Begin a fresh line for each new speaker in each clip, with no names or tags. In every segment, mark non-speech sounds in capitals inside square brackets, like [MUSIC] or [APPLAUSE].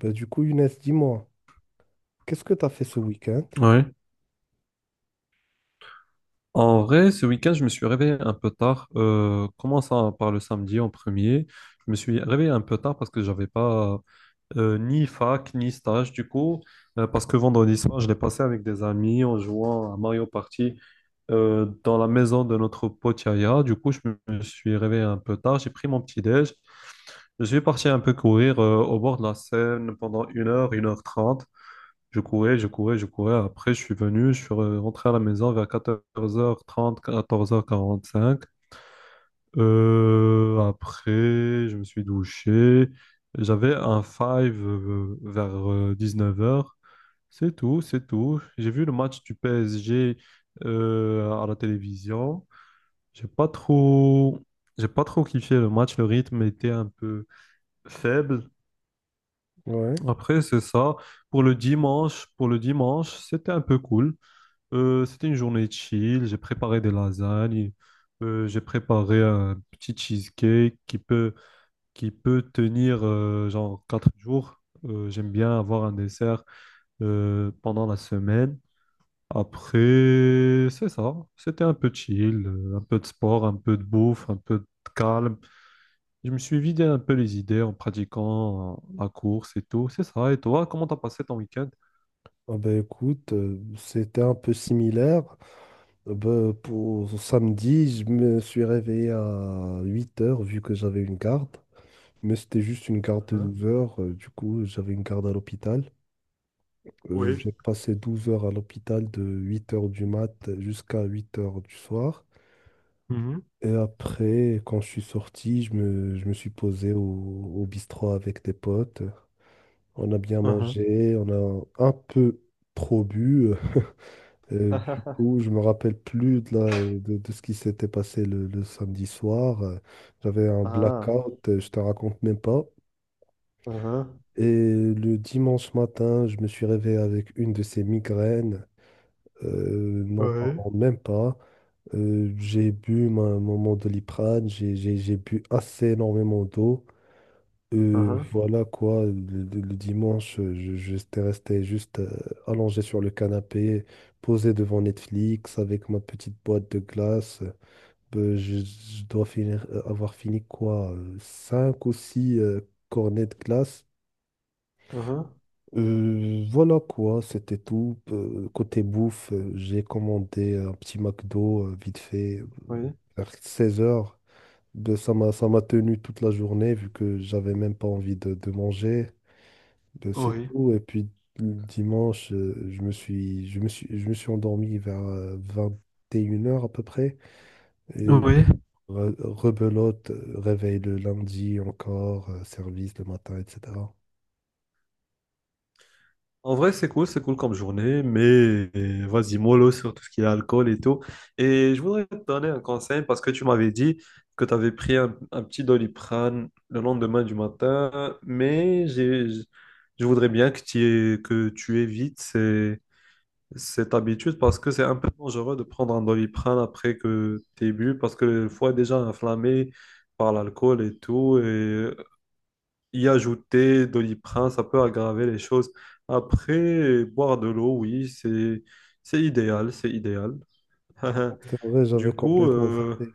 Bah, du coup, Younes, dis-moi, qu'est-ce que tu as fait ce week-end?
Ouais. En vrai, ce week-end, je me suis réveillé un peu tard. Commençant par le samedi en premier, je me suis réveillé un peu tard parce que j'avais pas ni fac ni stage du coup. Parce que vendredi soir, je l'ai passé avec des amis en jouant à Mario Party dans la maison de notre pote Yaya. Du coup, je me suis réveillé un peu tard. J'ai pris mon petit déj. Je suis parti un peu courir au bord de la Seine pendant une heure trente. Je courais, je courais, je courais. Après, je suis venu, rentré à la maison vers 14h30, 14h45. Après, je me suis douché. J'avais un five vers 19h. C'est tout, c'est tout. J'ai vu le match du PSG à la télévision. J'ai pas trop, j'ai pas trop kiffé le match. Le rythme était un peu faible.
Ouais.
Après, c'est ça. Pour le dimanche, c'était un peu cool. C'était une journée chill, j'ai préparé des lasagnes, j'ai préparé un petit cheesecake qui peut tenir genre 4 jours. J'aime bien avoir un dessert pendant la semaine. Après, c'est ça, c'était un peu chill, un peu de sport, un peu de bouffe, un peu de calme. Je me suis vidé un peu les idées en pratiquant la course et tout, c'est ça. Et toi, comment t'as passé ton week-end?
Ah bah, écoute, c'était un peu similaire. Pour samedi, je me suis réveillé à 8 heures vu que j'avais une garde. Mais c'était juste une garde de
Hein.
12 heures. Du coup, j'avais une garde à l'hôpital.
Oui.
J'ai passé 12 heures à l'hôpital de 8 heures du mat jusqu'à 8 heures du soir.
Mhm.
Et après, quand je suis sorti, je me suis posé au bistrot avec des potes. On a bien
Mhm.
mangé, on a un peu trop bu. Euh, du
[LAUGHS]
coup, je me rappelle plus de ce qui s'était passé le samedi soir. J'avais un
Ah,
blackout, je te raconte même pas.
ah.
Et le dimanche matin, je me suis réveillé avec une de ces migraines. N'en
Ouais,
parlons même pas. J'ai bu mon doliprane, j'ai bu assez énormément d'eau.
uhum,
Voilà quoi, le dimanche, j'étais resté juste allongé sur le canapé, posé devant Netflix avec ma petite boîte de glace. Je dois finir, avoir fini quoi, 5 ou 6 cornets de glace.
uhum,
Voilà quoi, c'était tout. Côté bouffe, j'ai commandé un petit McDo vite fait
oui.
vers 16 heures. Ben, ça m'a tenu toute la journée vu que j'avais même pas envie de manger. Ben, c'est
Oui.
tout. Et puis le dimanche, je me suis endormi vers 21 heures à peu près. Et
Oui.
rebelote, réveil le lundi encore, service le matin, etc.
En vrai, c'est cool comme journée, mais vas-y, mollo sur tout ce qui est alcool et tout. Et je voudrais te donner un conseil parce que tu m'avais dit que tu avais pris un petit Doliprane le lendemain du matin, mais je voudrais bien que tu, que tu évites cette habitude parce que c'est un peu dangereux de prendre un Doliprane après que tu bu parce que le foie est déjà inflammé par l'alcool et tout. Et y ajouter Doliprane, ça peut aggraver les choses. Après, boire de l'eau, oui, c'est idéal, c'est idéal.
Ah,
[LAUGHS]
c'est vrai,
Du
j'avais
coup,
complètement zappé.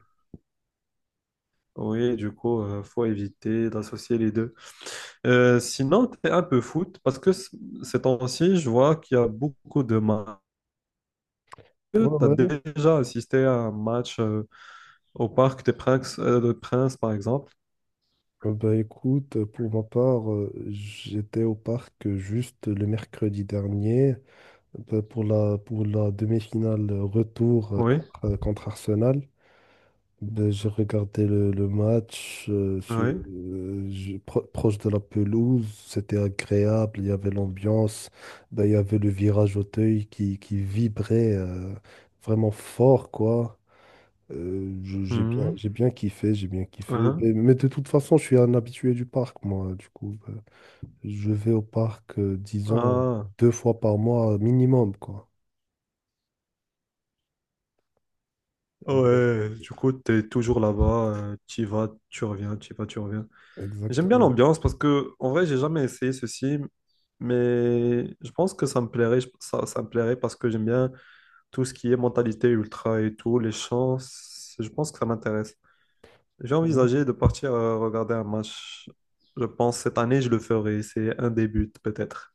oui, du coup, faut éviter d'associer les deux. Sinon, tu es un peu foot parce que ces temps-ci, je vois qu'il y a beaucoup de matchs. Tu
Ouais,
as
ouais.
déjà assisté à un match au Parc des Princes, de Princes, par exemple.
Ben, écoute, pour ma part, j'étais au parc juste le mercredi dernier ben, pour la demi-finale retour
Oui,
contre Arsenal. Ben, j'ai regardé le match
oui.
proche de la pelouse, c'était agréable, il y avait l'ambiance, ben, il y avait le virage Auteuil qui vibrait vraiment fort, quoi.
Mhm.
J'ai bien kiffé, j'ai bien kiffé.
Ah,
Ben, mais de toute façon, je suis un habitué du parc, moi, du coup. Ben, je vais au parc, disons,
ah.
deux fois par mois minimum, quoi. Eh bien,
Ouais, du coup, t'es toujours là-bas, tu y vas, tu reviens, tu y vas, tu reviens. J'aime bien
exactement.
l'ambiance parce que, en vrai, j'ai jamais essayé ceci, mais je pense que ça me plairait, ça, ça me plairait parce que j'aime bien tout ce qui est mentalité ultra et tout, les chants, je pense que ça m'intéresse. J'ai
Ouais.
envisagé de partir regarder un match, je pense, cette année, je le ferai, c'est un des buts, peut-être.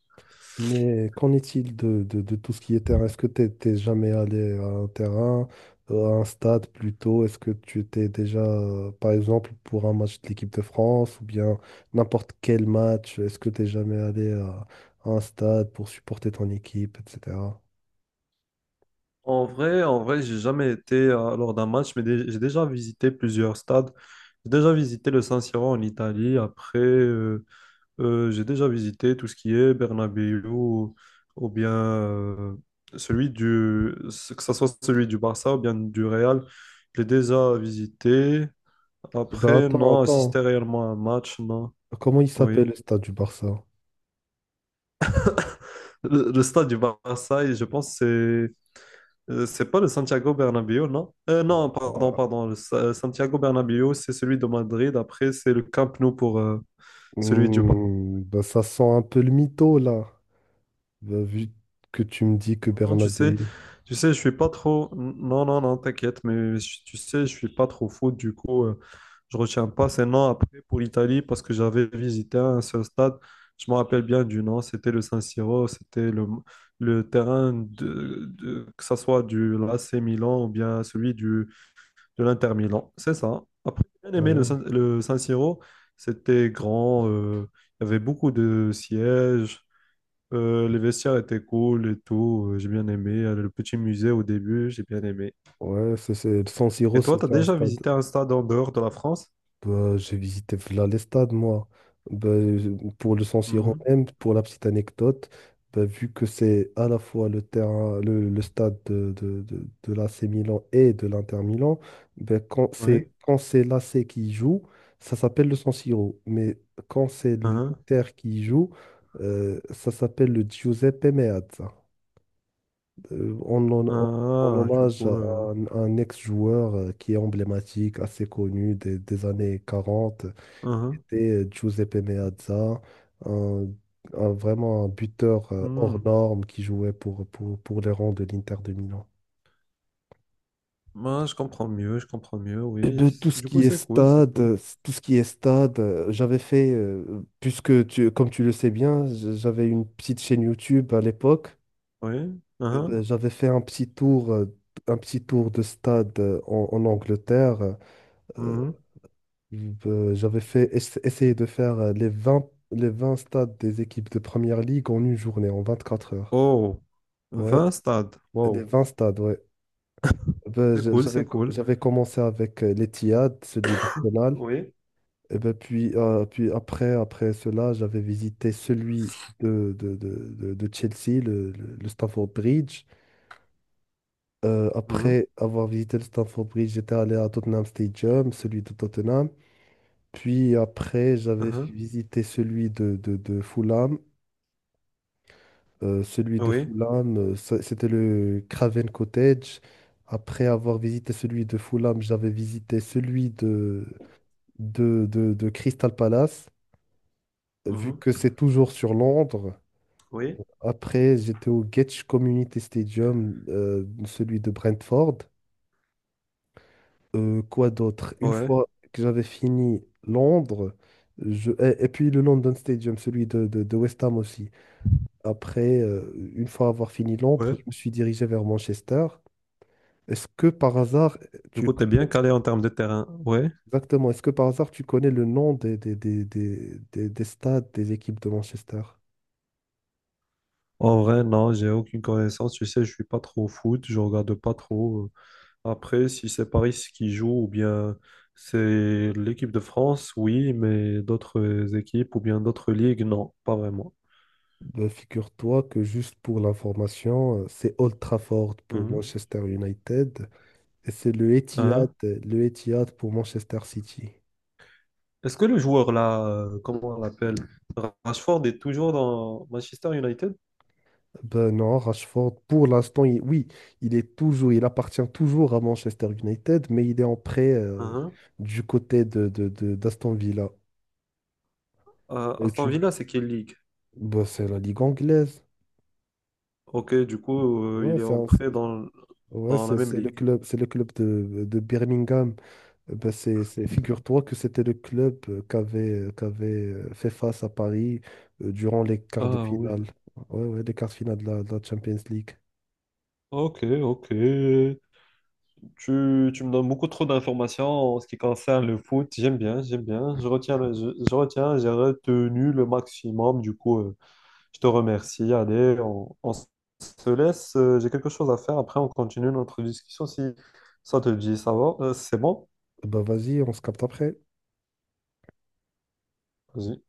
Mais qu'en est-il de, de tout ce qui est terrain? Est-ce que tu t'es jamais allé à un terrain, à un stade plutôt? Est-ce que tu t'es déjà, par exemple, pour un match de l'équipe de France ou bien n'importe quel match, est-ce que t'es jamais allé à un stade pour supporter ton équipe, etc.
En vrai, j'ai jamais été lors d'un match, mais j'ai déjà visité plusieurs stades. J'ai déjà visité le San Siro en Italie. Après, j'ai déjà visité tout ce qui est Bernabéu ou bien celui du, que ce soit celui du Barça ou bien du Real. Je l'ai déjà visité.
Bah
Après,
attends,
non, assister
attends.
réellement à un match, non.
Comment il
Oui.
s'appelle le stade du Barça?
Le stade du Barça, je pense, c'est. C'est pas le Santiago Bernabéu, non? Non, pardon,
Ouah.
pardon. Santiago Bernabéu, c'est celui de Madrid. Après, c'est le Camp Nou pour celui du Barça.
Hmm, bah ça sent un peu le mytho là. Bah, vu que tu me dis que
Non, non,
Bernabé...
tu sais, je suis pas trop. Non, non, non, t'inquiète, mais tu sais, je suis pas trop fou. Du coup, je retiens pas ces noms après pour l'Italie parce que j'avais visité un seul stade. Je me rappelle bien du nom. C'était le San Siro. C'était le terrain que ça soit du AC Milan ou bien celui du de l'Inter Milan, c'est ça. Après, j'ai bien aimé
Ouais,
Le San Siro. C'était grand, il y avait beaucoup de sièges, les vestiaires étaient cool et tout. J'ai bien aimé. Le petit musée au début, j'ai bien aimé.
ouais. San Siro,
Et toi, t'as
c'était un
déjà
stade.
visité un stade en dehors de la France?
Bah, j'ai visité Vlalestad, moi. Bah, je- pour le San Siro
Mhm.
même, pour la petite anecdote, bah, vu que c'est à la fois le terrain, le stade de l'AC Milan et de l'Inter Milan, bah,
Oui.
quand c'est l'AC qui joue, ça s'appelle le San Siro. Mais quand c'est
Uhum.
l'Inter qui joue, ça s'appelle le Giuseppe Meazza. Euh, on, en- on- En
Ah, du
hommage
coup.
à un ex-joueur qui est emblématique, assez connu des années 40,
Uhum.
c'était Giuseppe Meazza, un, vraiment un buteur
Hmm.
hors norme qui jouait pour les rangs de l'Inter de Milan.
Moi, je comprends mieux,
Eh
oui.
ben,
Du coup, c'est cool, c'est cool.
tout ce qui est stade, j'avais fait, puisque comme tu le sais bien, j'avais une petite chaîne YouTube à l'époque.
Oui. Uhum.
Ben, j'avais fait un petit tour de stade en Angleterre. euh,
Mhm.
J'avais fait essayer de faire les 20 stades des équipes de première ligue en une journée, en 24 heures.
Oh,
Ouais,
20 stades.
les
Wow.
20 stades, ouais. Ben,
C'est cool, c'est cool.
j'avais commencé avec l'Etihad, celui d'Arsenal.
Oui,
Et ben, puis après, après cela, j'avais visité celui de Chelsea, le Stamford Bridge.
mhm.
Après avoir visité le Stamford Bridge, j'étais allé à Tottenham Stadium, celui de Tottenham. Puis après, j'avais
Mhm.
visité celui de Fulham. Celui de
Oui,
Fulham, c'était le Craven Cottage. Après avoir visité celui de Fulham, j'avais visité celui de Crystal Palace, vu que
mhm,
c'est toujours sur Londres.
oui.
Après, j'étais au Getch Community Stadium, celui de Brentford. Quoi d'autre? Une
Ouais,
fois que j'avais fini Londres, je... et puis le London Stadium, celui de West Ham aussi. Après, une fois avoir fini Londres,
ouais.
je me suis dirigé vers Manchester. Est-ce que par hasard,
Du
tu
coup, t'es
connais
bien calé en termes de terrain. Ouais.
exactement, est-ce que par hasard tu connais le nom des stades des équipes de Manchester?
En vrai, non, j'ai aucune connaissance. Tu sais, je suis pas trop au foot, je regarde pas trop. Après, si c'est Paris qui joue ou bien c'est l'équipe de France, oui, mais d'autres équipes ou bien d'autres ligues, non, pas vraiment.
Ben, figure-toi que juste pour l'information, c'est Old Trafford pour
Mhm.
Manchester United, et c'est
Mhm.
le Etihad pour Manchester City.
Est-ce que le joueur là, comment on l'appelle, Rashford est toujours dans Manchester United?
Ben non, Rashford, pour l'instant, oui, il appartient toujours à Manchester United, mais il est en prêt
Mhm.
du côté d'Aston Villa. Et
Aston Villa, c'est quelle ligue?
ben, c'est la ligue anglaise.
Ok, du coup,
Ouais,
il est en prêt dans,
ouais,
dans la même ligue.
c'est le club de Birmingham. Figure-toi que c'était le club qu'avait fait face à Paris durant les quarts de
Ah oui.
finale. Ouais, ouais, les quarts de finale de la Champions League.
Ok, ok. Tu me donnes beaucoup trop d'informations en ce qui concerne le foot. J'aime bien, j'aime bien. Je retiens, je retiens, j'ai retenu le maximum. Du coup, je te remercie. Allez, on se laisse. J'ai quelque chose à faire. Après, on continue notre discussion si ça te dit. Ça va? C'est bon?
Bah vas-y, on se capte après.
Vas-y.